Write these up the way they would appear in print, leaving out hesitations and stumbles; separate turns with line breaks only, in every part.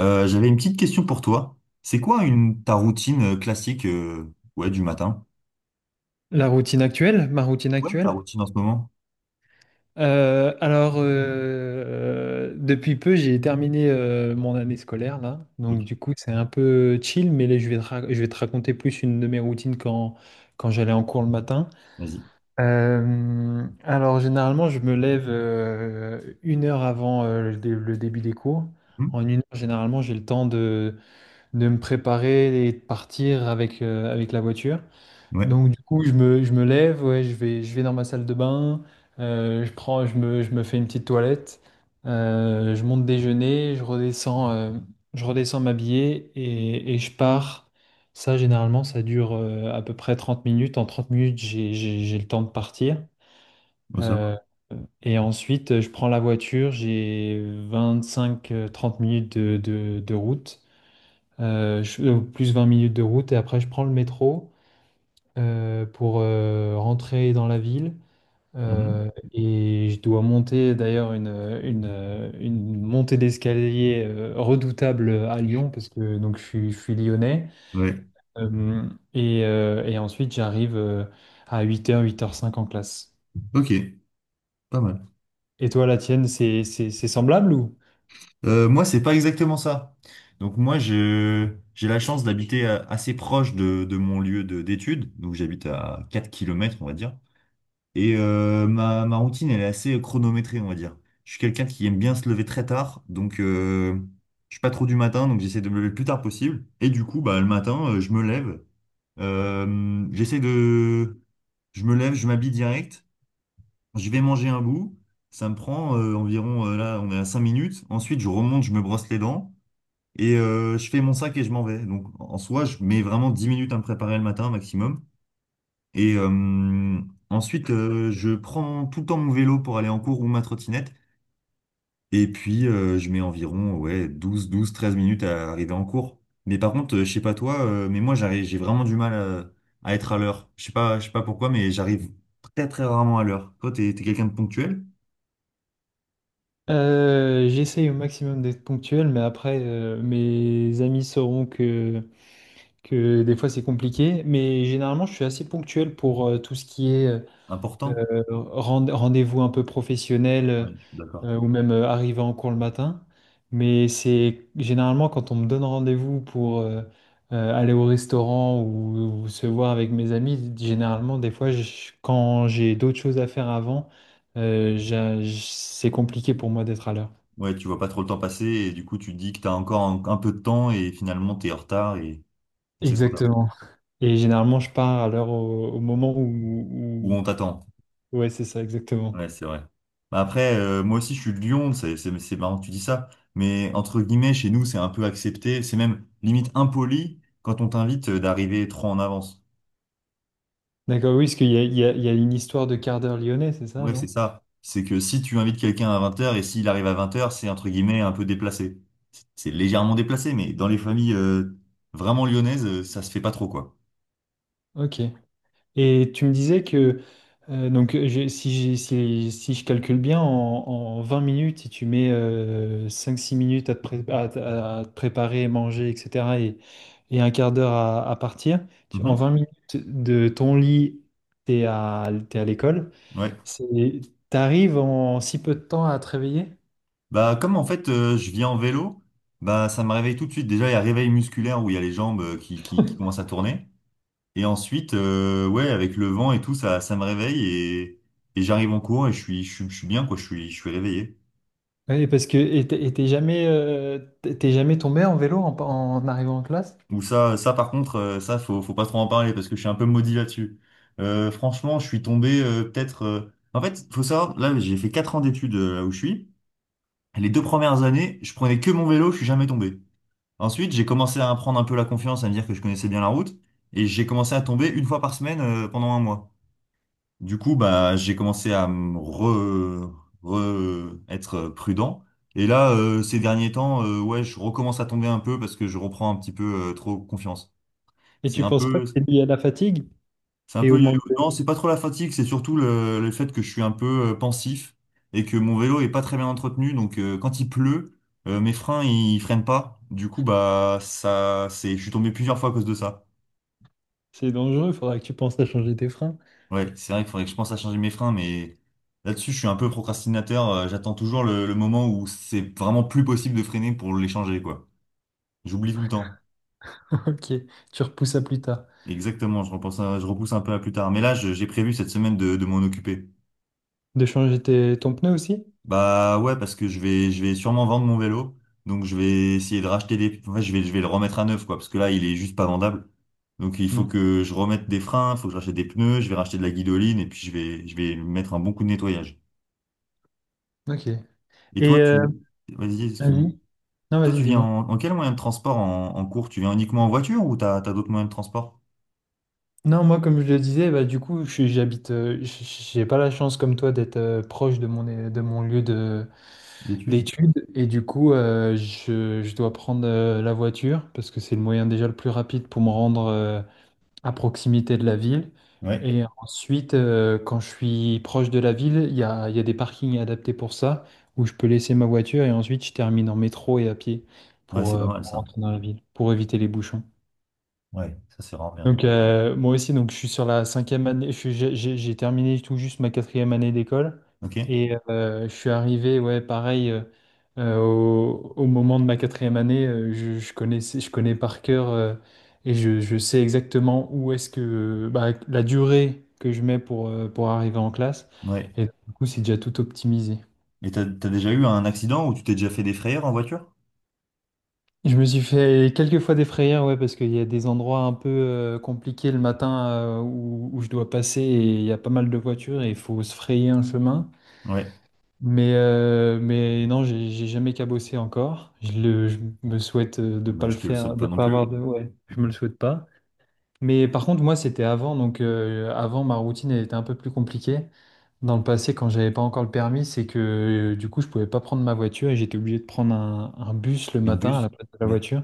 J'avais une petite question pour toi. C'est quoi une ta routine classique du matin?
La routine actuelle, ma routine
Ouais, ta
actuelle.
routine en ce moment?
Alors, depuis peu, j'ai terminé mon année scolaire là,
Ok,
donc du coup, c'est un peu chill, mais là, je vais te raconter plus une de mes routines quand j'allais en cours le matin.
vas-y.
Alors, généralement, je me lève 1 heure avant le début des cours.
Hmm.
En 1 heure, généralement, j'ai le temps de me préparer et de partir avec la voiture.
Ouais,
Donc du coup, je me lève, ouais, je vais dans ma salle de bain, je me fais une petite toilette, je monte déjeuner, je redescends m'habiller et je pars. Ça, généralement, ça dure à peu près 30 minutes. En 30 minutes, j'ai le temps de partir.
oh, ça
Euh,
va.
et ensuite, je prends la voiture, j'ai 25 30 minutes de route, plus 20 minutes de route, et après, je prends le métro pour rentrer dans la ville.
Mhm.
Et je dois monter d'ailleurs une montée d'escalier redoutable à Lyon, parce que donc, je suis lyonnais.
Ouais,
Euh, et ensuite, j'arrive à 8 heures 8 h 5 en classe.
ok, pas mal.
Et toi, la tienne, c'est semblable ou?
Moi, c'est pas exactement ça. Donc moi, je j'ai la chance d'habiter assez proche de mon lieu de d'études. Donc j'habite à 4 kilomètres, on va dire. Et ma, ma routine, elle est assez chronométrée, on va dire. Je suis quelqu'un qui aime bien se lever très tard, donc je suis pas trop du matin, donc j'essaie de me lever le plus tard possible. Et du coup, bah, le matin, je me lève. J'essaie de... Je me lève, je m'habille direct, je vais manger un bout. Ça me prend environ, là, on est à 5 minutes. Ensuite, je remonte, je me brosse les dents et je fais mon sac et je m'en vais. Donc, en soi, je mets vraiment 10 minutes à me préparer le matin maximum. Et ensuite, je prends tout le temps mon vélo pour aller en cours ou ma trottinette. Et puis, je mets environ ouais, 12, 12, 13 minutes à arriver en cours. Mais par contre, je sais pas toi, mais moi, j'arrive, j'ai vraiment du mal à être à l'heure. Je sais pas pourquoi, mais j'arrive très, très rarement à l'heure. Toi, t'es quelqu'un de ponctuel?
J'essaye au maximum d'être ponctuel, mais après, mes amis sauront que des fois c'est compliqué. Mais généralement, je suis assez ponctuel pour tout ce qui est
Important?
rendez-vous un peu professionnel,
Ouais, je suis d'accord.
ou même arriver en cours le matin. Mais c'est généralement quand on me donne rendez-vous pour aller au restaurant ou se voir avec mes amis, généralement, des fois, quand j'ai d'autres choses à faire avant, c'est compliqué pour moi d'être à l'heure.
Ouais, tu vois pas trop le temps passer et du coup, tu te dis que t'as encore un peu de temps et finalement, t'es en retard et c'est trop tard.
Exactement. Et généralement, je pars à l'heure au moment où,
Ou
où-
on t'attend.
Ouais, c'est ça,
Ouais,
exactement.
c'est vrai. Bah après, moi aussi, je suis de Lyon, c'est marrant que tu dis ça, mais entre guillemets, chez nous, c'est un peu accepté, c'est même limite impoli quand on t'invite d'arriver trop en avance.
D'accord, oui, parce qu'il y a, il y a il y a une histoire de quart d'heure lyonnais, c'est ça,
Ouais, c'est
non?
ça. C'est que si tu invites quelqu'un à 20 heures et s'il arrive à 20 heures, c'est entre guillemets un peu déplacé. C'est légèrement déplacé, mais dans les familles vraiment lyonnaises, ça se fait pas trop, quoi.
Ok. Et tu me disais que, donc, si je calcule bien, en 20 minutes, si tu mets cinq six minutes à te préparer, manger, etc., et un quart d'heure à partir, en
Mhm.
20 minutes de ton lit, t'es à l'école,
Ouais.
c'est, t'arrives en si peu de temps à te réveiller?
Bah, comme en fait, je viens en vélo, bah, ça me réveille tout de suite. Déjà, il y a réveil musculaire où il y a les jambes qui commencent à tourner. Et ensuite, ouais, avec le vent et tout, ça me réveille et j'arrive en cours et je suis bien, quoi, je suis réveillé.
Oui, parce que t'es jamais tombé en vélo en arrivant en classe?
Ou ça par contre, ça, faut pas trop en parler parce que je suis un peu maudit là-dessus. Franchement, je suis tombé peut-être. En fait, faut savoir, là, j'ai fait 4 ans d'études là où je suis. Les deux premières années, je prenais que mon vélo, je suis jamais tombé. Ensuite, j'ai commencé à prendre un peu la confiance, à me dire que je connaissais bien la route et j'ai commencé à tomber une fois par semaine pendant un mois. Du coup, bah, j'ai commencé à me être prudent. Et là, ces derniers temps, ouais, je recommence à tomber un peu parce que je reprends un petit peu trop confiance.
Et
C'est
tu
un
penses pas
peu,
que c'est lié à la fatigue
c'est un
et au
peu yo-yo.
manque.
Non, c'est pas trop la fatigue, c'est surtout le fait que je suis un peu pensif et que mon vélo est pas très bien entretenu. Donc, quand il pleut, mes freins ils freinent pas. Du coup, bah, ça, c'est, je suis tombé plusieurs fois à cause de ça.
C'est dangereux, faudra que tu penses à changer tes freins.
Ouais, c'est vrai qu'il faudrait que je pense à changer mes freins, mais là-dessus, je suis un peu procrastinateur. J'attends toujours le moment où c'est vraiment plus possible de freiner pour les changer, quoi. J'oublie tout le temps.
Ok, tu repousses à plus tard.
Exactement, je repousse un peu à plus tard. Mais là, j'ai prévu cette semaine de m'en occuper.
De changer ton pneu aussi?
Bah ouais, parce que je vais sûrement vendre mon vélo. Donc je vais essayer de racheter des... En fait, je vais le remettre à neuf, quoi, parce que là, il est juste pas vendable. Donc il faut
Hmm.
que je remette des freins, il faut que je rachète des pneus, je vais racheter de la guidoline, et puis je vais mettre un bon coup de nettoyage.
Ok.
Et
Et
toi,
euh,
tu... Vas-y, excuse-moi.
Vas-y. Non,
Toi, tu
vas-y,
viens
dis-moi.
en quel moyen de transport en cours? Tu viens uniquement en voiture ou t'as d'autres moyens de transport
Non, moi, comme je le disais, bah, du coup, j'habite, j'ai pas la chance comme toi d'être proche de de mon lieu
d'études?
d'études. Et du coup, je dois prendre la voiture parce que c'est le moyen déjà le plus rapide pour me rendre à proximité de la ville.
Ouais.
Et ensuite, quand je suis proche de la ville, il y a des parkings adaptés pour ça, où je peux laisser ma voiture et ensuite je termine en métro et à pied
Ouais,
pour,
c'est pas
euh,
mal
pour
ça.
rentrer dans la ville, pour éviter les bouchons.
Ouais, ça c'est vraiment bien.
Moi aussi, donc je suis sur la cinquième année, je suis- j'ai terminé tout juste ma quatrième année d'école
Ok?
et je suis arrivé, ouais, pareil, au moment de ma quatrième année, je connais par cœur et je sais exactement où est-ce que bah, la durée que je mets pour arriver en classe,
Ouais.
et du coup c'est déjà tout optimisé.
Et t'as déjà eu un accident où tu t'es déjà fait des frayeurs en voiture?
Je me suis fait quelques fois des frayeurs, ouais, parce qu'il y a des endroits un peu compliqués le matin, où je dois passer et il y a pas mal de voitures et il faut se frayer un chemin.
Ouais.
Mais non, j'ai jamais cabossé encore. Je me souhaite de pas
Bah,
le
je te le souhaite
faire,
pas
de
non
pas avoir
plus.
de... Ouais, je me le souhaite pas. Mais par contre, moi, c'était avant, avant, ma routine elle était un peu plus compliquée. Dans le passé, quand j'avais pas encore le permis, c'est que du coup, je pouvais pas prendre ma voiture et j'étais obligé de prendre un bus le
Un
matin à la
bus?
place de la
Ouais.
voiture.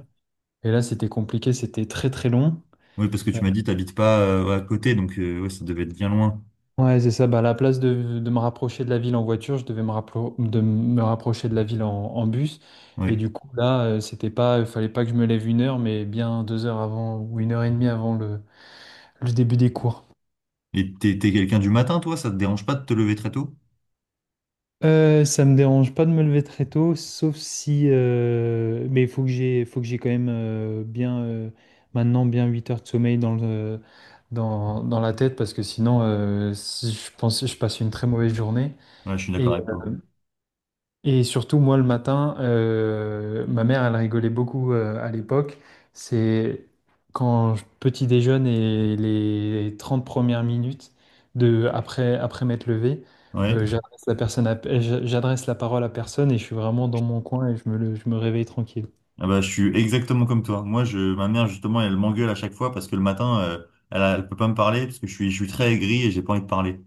Et là, c'était compliqué, c'était très très long.
Oui, parce que
Euh,
tu m'as dit t'habites pas à côté, donc ouais, ça devait être bien loin.
Ouais, c'est ça. Bah, à la place de me rapprocher de la ville en voiture, je devais me, rappro- de me rapprocher de la ville en bus. Et
Ouais.
du coup, là, c'était pas, il fallait pas que je me lève 1 heure, mais bien 2 heures avant ou 1 heure et demie avant le début des cours.
Et t'es quelqu'un du matin, toi? Ça te dérange pas de te lever très tôt?
Ça me dérange pas de me lever très tôt, sauf si, mais il faut que j'ai quand même bien, maintenant bien 8 heures de sommeil dans la tête parce que sinon, si je pense, je passe une très mauvaise journée.
Ouais, je suis
Et,
d'accord avec toi.
et surtout, moi, le matin, ma mère, elle rigolait beaucoup, à l'époque. C'est quand petit déjeune et les 30 premières minutes après m'être levé,
Ouais.
j'adresse la parole à personne et je suis vraiment dans mon coin et je me réveille tranquille.
Ah bah, je suis exactement comme toi. Moi, je, ma mère, justement, elle m'engueule à chaque fois parce que le matin, elle, elle peut pas me parler parce que je suis très aigri et j'ai pas envie de parler.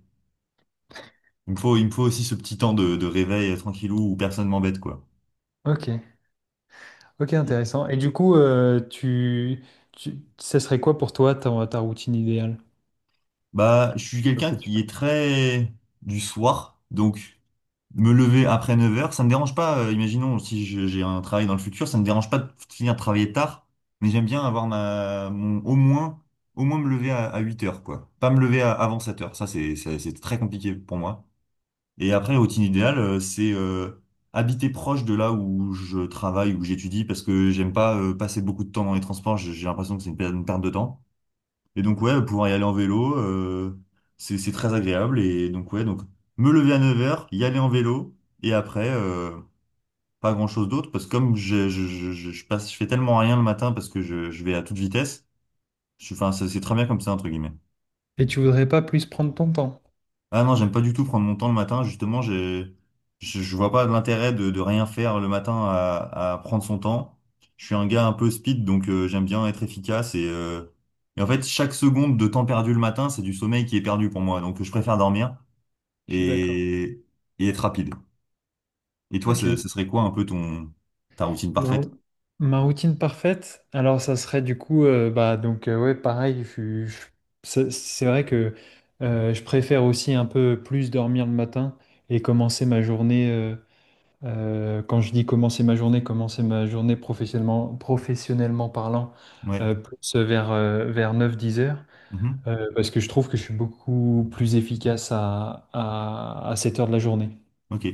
Il me faut aussi ce petit temps de réveil tranquillou où personne m'embête, quoi.
Ok, ok, intéressant. Et du coup, ça serait quoi pour toi ta routine idéale?
Bah, je suis quelqu'un qui est très du soir, donc me lever après 9 heures, ça me dérange pas. Imaginons si j'ai un travail dans le futur, ça me dérange pas de finir de travailler tard, mais j'aime bien avoir ma, mon, au moins me lever à 8 heures, quoi. Pas me lever avant 7 heures. Ça, c'est très compliqué pour moi. Et après, la routine idéale, c'est habiter proche de là où je travaille, où j'étudie, parce que j'aime pas passer beaucoup de temps dans les transports. J'ai l'impression que c'est une perte de temps. Et donc, ouais, pouvoir y aller en vélo, c'est très agréable. Et donc, ouais, donc me lever à 9 heures, y aller en vélo, et après, pas grand-chose d'autre, parce que comme je passe, je fais tellement rien le matin parce que je vais à toute vitesse, je, enfin, c'est très bien comme ça, entre guillemets.
Et tu voudrais pas plus prendre ton temps?
Ah non, j'aime pas du tout prendre mon temps le matin. Justement, je vois pas l'intérêt de rien faire le matin à prendre son temps. Je suis un gars un peu speed, donc j'aime bien être efficace. Et en fait, chaque seconde de temps perdu le matin, c'est du sommeil qui est perdu pour moi. Donc je préfère dormir
Je suis d'accord.
et, et être rapide. Et toi,
Ok.
ce serait quoi un peu ton, ta routine
Ma,
parfaite?
rou- Ma routine parfaite, alors ça serait du coup, bah donc ouais, pareil, c'est vrai que je préfère aussi un peu plus dormir le matin et commencer ma journée, quand je dis commencer ma journée professionnellement, professionnellement parlant,
Ouais.
plus vers neuf dix heures,
Mhm.
parce que je trouve que je suis beaucoup plus efficace à cette heure de la journée.
Ok.